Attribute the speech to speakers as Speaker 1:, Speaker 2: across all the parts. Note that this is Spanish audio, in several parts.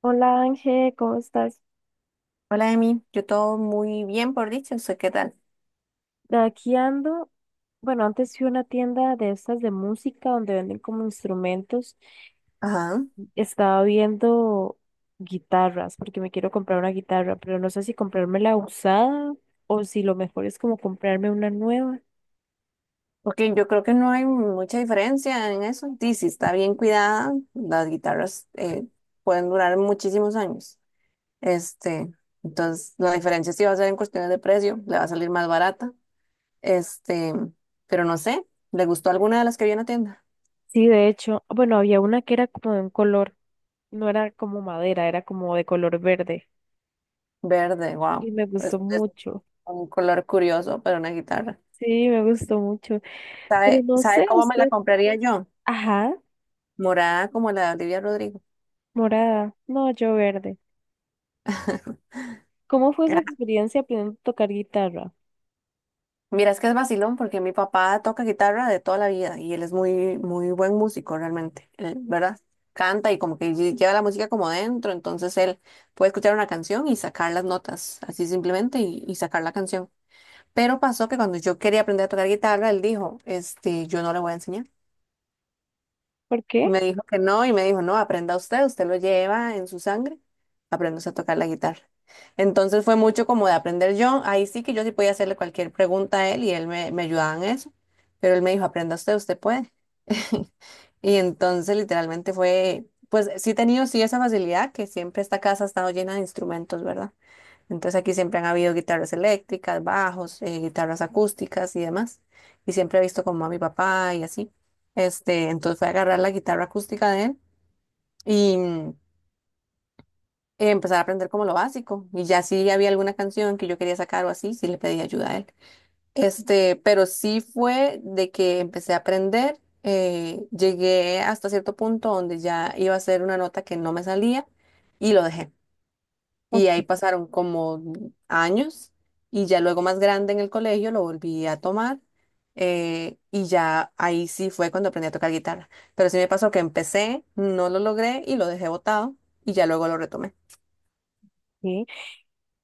Speaker 1: Hola, Ángel, ¿cómo estás?
Speaker 2: Hola, Emi. Yo todo muy bien, por dicho. ¿Usted qué tal?
Speaker 1: Aquí ando. Bueno, antes fui a una tienda de estas de música donde venden como instrumentos.
Speaker 2: Ajá.
Speaker 1: Estaba viendo guitarras porque me quiero comprar una guitarra, pero no sé si comprarme la usada o si lo mejor es como comprarme una nueva.
Speaker 2: Porque yo creo que no hay mucha diferencia en eso. Sí, si está bien cuidada, las guitarras pueden durar muchísimos años. Este, entonces, la diferencia sí va a ser en cuestiones de precio. Le va a salir más barata. Este, pero no sé. ¿Le gustó alguna de las que vi en la tienda?
Speaker 1: Sí, de hecho, bueno, había una que era como de un color, no era como madera, era como de color verde
Speaker 2: Verde, wow.
Speaker 1: y me gustó
Speaker 2: Es
Speaker 1: mucho.
Speaker 2: un color curioso para una guitarra.
Speaker 1: Sí, me gustó mucho, pero
Speaker 2: ¿Sabe,
Speaker 1: no
Speaker 2: sabe
Speaker 1: sé,
Speaker 2: cómo me la
Speaker 1: usted,
Speaker 2: compraría yo?
Speaker 1: ajá,
Speaker 2: Morada como la de Olivia Rodrigo.
Speaker 1: morada, no, yo verde. ¿Cómo fue su experiencia aprendiendo a tocar guitarra?
Speaker 2: Mira, es que es vacilón porque mi papá toca guitarra de toda la vida y él es muy, muy buen músico realmente, él, ¿verdad? Canta y como que lleva la música como dentro, entonces él puede escuchar una canción y sacar las notas, así simplemente, y sacar la canción. Pero pasó que cuando yo quería aprender a tocar guitarra, él dijo, este, yo no le voy a enseñar.
Speaker 1: ¿Por qué?
Speaker 2: Me dijo que no y me dijo, no, aprenda usted, usted lo lleva en su sangre, aprendas a tocar la guitarra. Entonces fue mucho como de aprender yo, ahí sí que yo sí podía hacerle cualquier pregunta a él y él me ayudaba en eso, pero él me dijo, aprenda usted, usted puede. Y entonces literalmente fue, pues sí he tenido sí esa facilidad que siempre esta casa ha estado llena de instrumentos, ¿verdad? Entonces aquí siempre han habido guitarras eléctricas, bajos, guitarras acústicas y demás. Y siempre he visto como a mi papá y así. Entonces fue a agarrar la guitarra acústica de él y empezar a aprender como lo básico. Y ya si había alguna canción que yo quería sacar o así, sí le pedí ayuda a él. Pero sí fue de que empecé a aprender. Llegué hasta cierto punto donde ya iba a ser una nota que no me salía y lo dejé.
Speaker 1: Ok.
Speaker 2: Y ahí pasaron como años y ya luego más grande en el colegio lo volví a tomar y ya ahí sí fue cuando aprendí a tocar guitarra. Pero sí me pasó que empecé, no lo logré y lo dejé botado y ya luego lo retomé.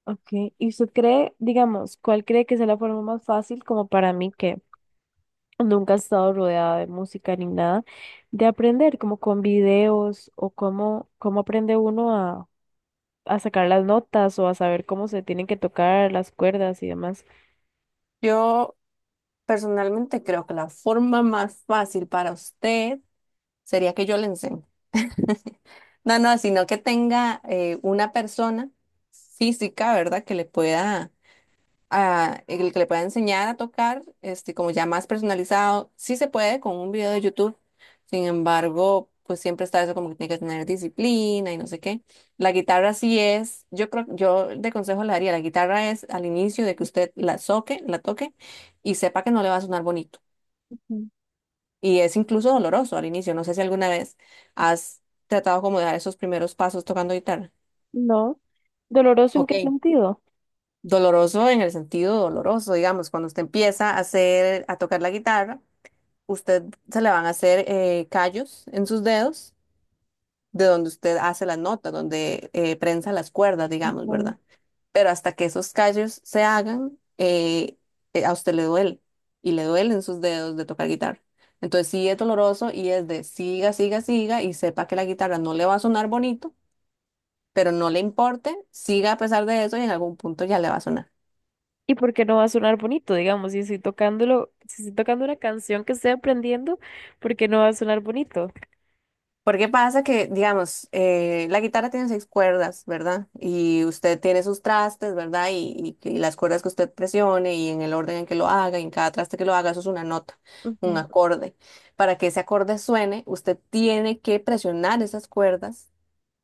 Speaker 1: Ok. ¿Y usted cree, digamos, cuál cree que sea la forma más fácil como para mí que nunca he estado rodeada de música ni nada, de aprender, como con videos o cómo, cómo aprende uno a sacar las notas o a saber cómo se tienen que tocar las cuerdas y demás?
Speaker 2: Yo personalmente creo que la forma más fácil para usted sería que yo le enseñe. No, no, sino que tenga una persona física, ¿verdad? Que le pueda el que le pueda enseñar a tocar, este, como ya más personalizado, sí se puede con un video de YouTube. Sin embargo, pues siempre está eso como que tiene que tener disciplina y no sé qué. La guitarra sí es, yo creo, yo de consejo le daría, la guitarra es al inicio de que usted la toque y sepa que no le va a sonar bonito.
Speaker 1: Ujú.
Speaker 2: Y es incluso doloroso al inicio. No sé si alguna vez has tratado como de dar esos primeros pasos tocando guitarra.
Speaker 1: No. ¿Doloroso en
Speaker 2: Ok.
Speaker 1: qué sentido?
Speaker 2: Doloroso en el sentido doloroso, digamos, cuando usted empieza a hacer, a tocar la guitarra, usted se le van a hacer callos en sus dedos, de donde usted hace las notas, donde prensa las cuerdas, digamos, ¿verdad? Pero hasta que esos callos se hagan, a usted le duele y le duelen sus dedos de tocar guitarra. Entonces sí es doloroso y es de siga, siga, siga y sepa que la guitarra no le va a sonar bonito, pero no le importe, siga a pesar de eso y en algún punto ya le va a sonar.
Speaker 1: Y porque no va a sonar bonito, digamos, si estoy tocándolo, si estoy tocando una canción que estoy aprendiendo, porque no va a sonar bonito.
Speaker 2: Porque pasa que, digamos, la guitarra tiene seis cuerdas, ¿verdad? Y usted tiene sus trastes, ¿verdad? Y las cuerdas que usted presione y en el orden en que lo haga, y en cada traste que lo haga, eso es una nota, un
Speaker 1: Ujú.
Speaker 2: acorde. Para que ese acorde suene, usted tiene que presionar esas cuerdas,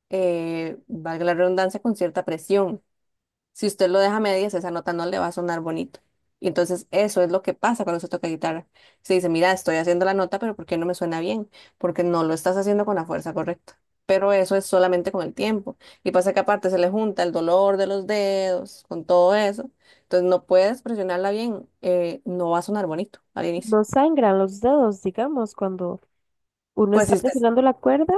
Speaker 2: valga la redundancia, con cierta presión. Si usted lo deja a medias, esa nota no le va a sonar bonito. Y entonces eso es lo que pasa cuando se toca guitarra. Se dice, mira, estoy haciendo la nota, pero ¿por qué no me suena bien? Porque no lo estás haciendo con la fuerza correcta. Pero eso es solamente con el tiempo. Y pasa que aparte se le junta el dolor de los dedos, con todo eso. Entonces no puedes presionarla bien, no va a sonar bonito al inicio.
Speaker 1: No sangran los dedos, digamos, cuando uno
Speaker 2: Pues si
Speaker 1: está
Speaker 2: usted
Speaker 1: presionando la cuerda.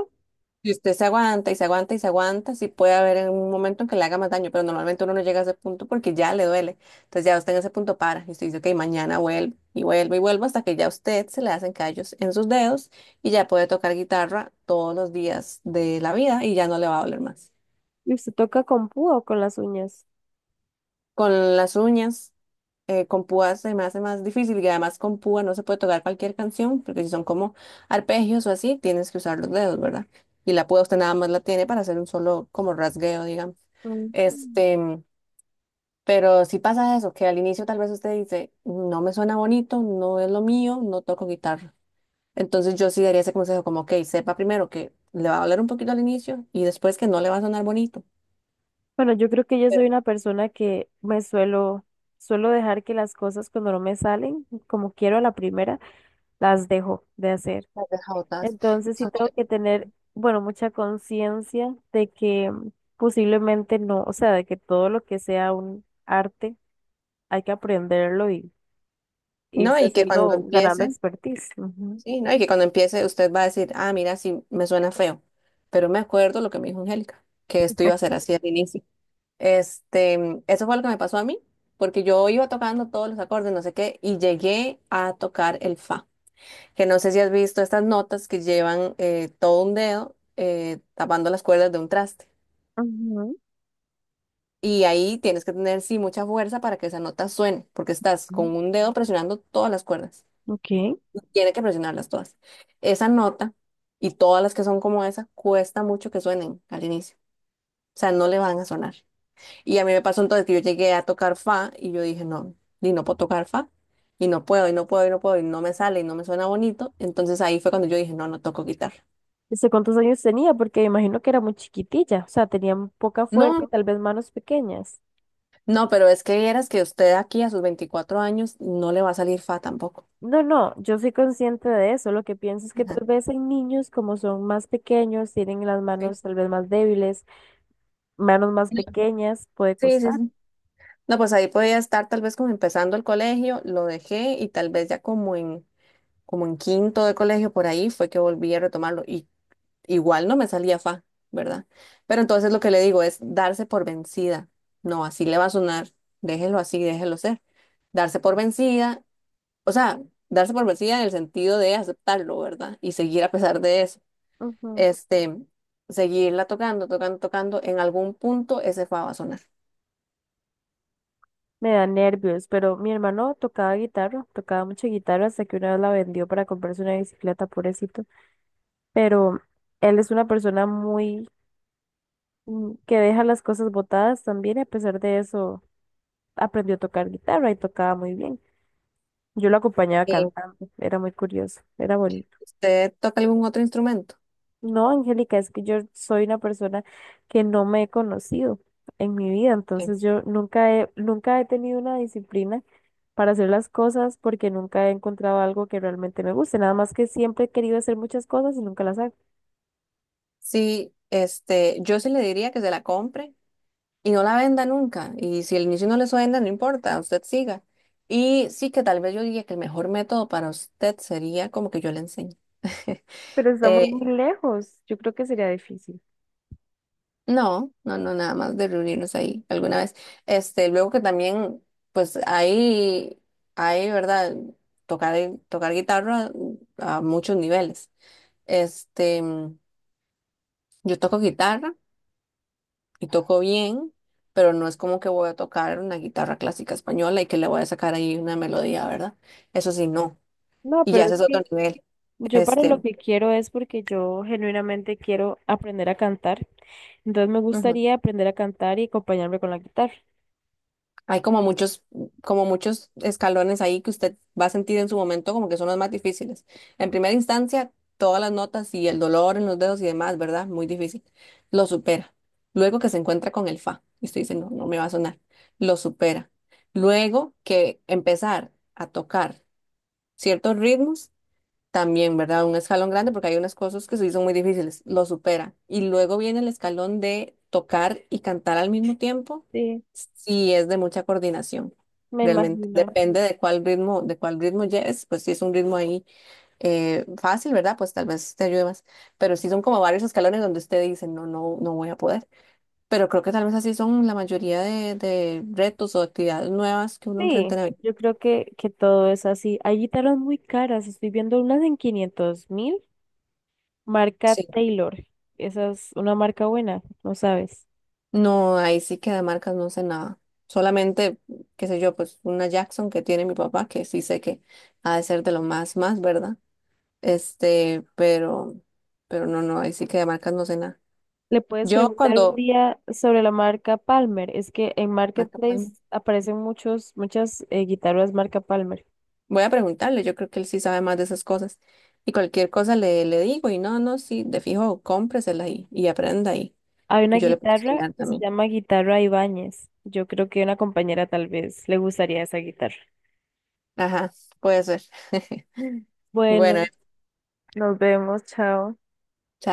Speaker 2: Y usted se aguanta y se aguanta y se aguanta, sí puede haber en un momento en que le haga más daño, pero normalmente uno no llega a ese punto porque ya le duele. Entonces ya usted en ese punto para y usted dice, ok, mañana vuelvo y vuelvo y vuelvo hasta que ya a usted se le hacen callos en sus dedos y ya puede tocar guitarra todos los días de la vida y ya no le va a doler más.
Speaker 1: ¿Y usted toca con púa o con las uñas?
Speaker 2: Con las uñas. Con púa se me hace más difícil y además con púa no se puede tocar cualquier canción, porque si son como arpegios o así, tienes que usar los dedos, ¿verdad? Y la púa usted nada más la tiene para hacer un solo como rasgueo, digamos.
Speaker 1: Ujú.
Speaker 2: Este, pero si pasa eso, que al inicio tal vez usted dice, no me suena bonito, no es lo mío, no toco guitarra. Entonces yo sí daría ese consejo como, ok, sepa primero que le va a doler un poquito al inicio y después que no le va a sonar bonito.
Speaker 1: Bueno, yo creo que yo soy una persona que me suelo, suelo dejar que las cosas cuando no me salen, como quiero a la primera, las dejo de hacer.
Speaker 2: Las deja botadas.
Speaker 1: Entonces sí
Speaker 2: Eso
Speaker 1: tengo
Speaker 2: fue-
Speaker 1: que tener, bueno, mucha conciencia de que posiblemente no, o sea, de que todo lo que sea un arte hay que aprenderlo y
Speaker 2: No,
Speaker 1: irse
Speaker 2: y que cuando
Speaker 1: haciendo, ganando
Speaker 2: empiece,
Speaker 1: expertise. Ujú.
Speaker 2: sí, ¿no? Y que cuando empiece usted va a decir, ah, mira, sí, me suena feo, pero me acuerdo lo que me dijo Angélica, que esto iba a ser así al inicio. Eso fue lo que me pasó a mí, porque yo iba tocando todos los acordes, no sé qué, y llegué a tocar el fa, que no sé si has visto estas notas que llevan todo un dedo tapando las cuerdas de un traste. Y ahí tienes que tener, sí, mucha fuerza para que esa nota suene, porque estás
Speaker 1: Ujú.
Speaker 2: con un dedo presionando todas las cuerdas.
Speaker 1: Ok.
Speaker 2: Tiene que presionarlas todas. Esa nota y todas las que son como esa cuesta mucho que suenen al inicio. O sea, no le van a sonar. Y a mí me pasó entonces que yo llegué a tocar fa y yo dije, no, y no puedo tocar fa. Y no puedo, y no puedo, y no puedo, y no me sale, y no me suena bonito. Entonces ahí fue cuando yo dije, no, no toco guitarra.
Speaker 1: ¿Desde cuántos años tenía? Porque me imagino que era muy chiquitilla, o sea, tenía poca fuerza y
Speaker 2: No.
Speaker 1: tal vez manos pequeñas.
Speaker 2: No, pero es que vieras que usted aquí a sus 24 años no le va a salir fa tampoco.
Speaker 1: No, no, yo soy consciente de eso. Lo que pienso es que
Speaker 2: Ajá.
Speaker 1: tal vez hay niños como son más pequeños, tienen las
Speaker 2: Sí.
Speaker 1: manos tal vez más débiles, manos más pequeñas puede
Speaker 2: Sí, sí,
Speaker 1: costar.
Speaker 2: sí. No, pues ahí podía estar tal vez como empezando el colegio, lo dejé y tal vez ya como en quinto de colegio, por ahí fue que volví a retomarlo y igual no me salía fa, ¿verdad? Pero entonces lo que le digo es darse por vencida. No, así le va a sonar, déjelo así, déjelo ser. Darse por vencida, o sea, darse por vencida en el sentido de aceptarlo, ¿verdad? Y seguir a pesar de eso.
Speaker 1: Ujú.
Speaker 2: Este, seguirla tocando, tocando, tocando, en algún punto ese fa va a sonar.
Speaker 1: Me da nervios, pero mi hermano tocaba guitarra, tocaba mucha guitarra hasta que una vez la vendió para comprarse una bicicleta, pobrecito. Pero él es una persona muy que deja las cosas botadas también, y a pesar de eso aprendió a tocar guitarra y tocaba muy bien. Yo lo acompañaba
Speaker 2: Sí.
Speaker 1: cantando, era muy curioso, era bonito.
Speaker 2: ¿Usted toca algún otro instrumento?
Speaker 1: No, Angélica, es que yo soy una persona que no me he conocido en mi vida,
Speaker 2: Sí.
Speaker 1: entonces yo nunca he tenido una disciplina para hacer las cosas porque nunca he encontrado algo que realmente me guste, nada más que siempre he querido hacer muchas cosas y nunca las hago.
Speaker 2: Sí, este, yo sí le diría que se la compre y no la venda nunca. Y si al inicio no les venda, no importa, usted siga. Y sí que tal vez yo diría que el mejor método para usted sería como que yo le enseñe.
Speaker 1: Pero estamos
Speaker 2: Eh,
Speaker 1: muy lejos, yo creo que sería difícil.
Speaker 2: no, nada más de reunirnos ahí alguna vez. Este, luego que también, pues ¿verdad? Tocar, tocar guitarra a muchos niveles. Este, yo toco guitarra y toco bien, pero no es como que voy a tocar una guitarra clásica española y que le voy a sacar ahí una melodía, ¿verdad? Eso sí, no.
Speaker 1: No,
Speaker 2: Y ya
Speaker 1: pero
Speaker 2: ese
Speaker 1: es
Speaker 2: es otro
Speaker 1: que
Speaker 2: nivel.
Speaker 1: yo para lo
Speaker 2: Este,
Speaker 1: que quiero es porque yo genuinamente quiero aprender a cantar. Entonces me
Speaker 2: ujú.
Speaker 1: gustaría aprender a cantar y acompañarme con la guitarra.
Speaker 2: Hay como muchos escalones ahí que usted va a sentir en su momento como que son los más difíciles. En primera instancia, todas las notas y el dolor en los dedos y demás, ¿verdad? Muy difícil. Lo supera. Luego que se encuentra con el fa, y usted dice, no, no me va a sonar. Lo supera. Luego que empezar a tocar ciertos ritmos también, ¿verdad? Un escalón grande porque hay unas cosas que sí son muy difíciles, lo supera. Y luego viene el escalón de tocar y cantar al mismo tiempo,
Speaker 1: Sí,
Speaker 2: sí es de mucha coordinación,
Speaker 1: me
Speaker 2: realmente.
Speaker 1: imagino.
Speaker 2: Depende de de cuál ritmo lleves, pues si es un ritmo ahí fácil, ¿verdad? Pues tal vez te ayude más. Pero sí son como varios escalones donde usted dice, no, no, no voy a poder. Pero creo que tal vez así son la mayoría de retos o actividades nuevas que uno
Speaker 1: Sí,
Speaker 2: enfrenta en la vida.
Speaker 1: yo creo que todo es así. Hay guitarras muy caras. Estoy viendo unas en 500.000, marca
Speaker 2: Sí.
Speaker 1: Taylor. Esa es una marca buena, no sabes.
Speaker 2: No, ahí sí que de marcas no sé nada. Solamente, qué sé yo, pues una Jackson que tiene mi papá, que sí sé que ha de ser más, ¿verdad? Este, pero, pero no, no, ahí sí que de marcas no sé nada.
Speaker 1: Le puedes
Speaker 2: Yo
Speaker 1: preguntar un
Speaker 2: cuando,
Speaker 1: día sobre la marca Palmer. Es que en
Speaker 2: Marca
Speaker 1: Marketplace
Speaker 2: Palma,
Speaker 1: aparecen muchos, muchas guitarras marca Palmer.
Speaker 2: voy a preguntarle, yo creo que él sí sabe más de esas cosas. Y cualquier cosa le digo, y no, no, sí, de fijo, cómpresela y aprenda ahí.
Speaker 1: Hay una
Speaker 2: Y yo le puedo
Speaker 1: guitarra
Speaker 2: enseñar
Speaker 1: que se
Speaker 2: también.
Speaker 1: llama Guitarra Ibáñez. Yo creo que una compañera tal vez le gustaría esa guitarra.
Speaker 2: Ajá, puede ser. Bueno,
Speaker 1: Bueno, nos vemos, chao.
Speaker 2: chao.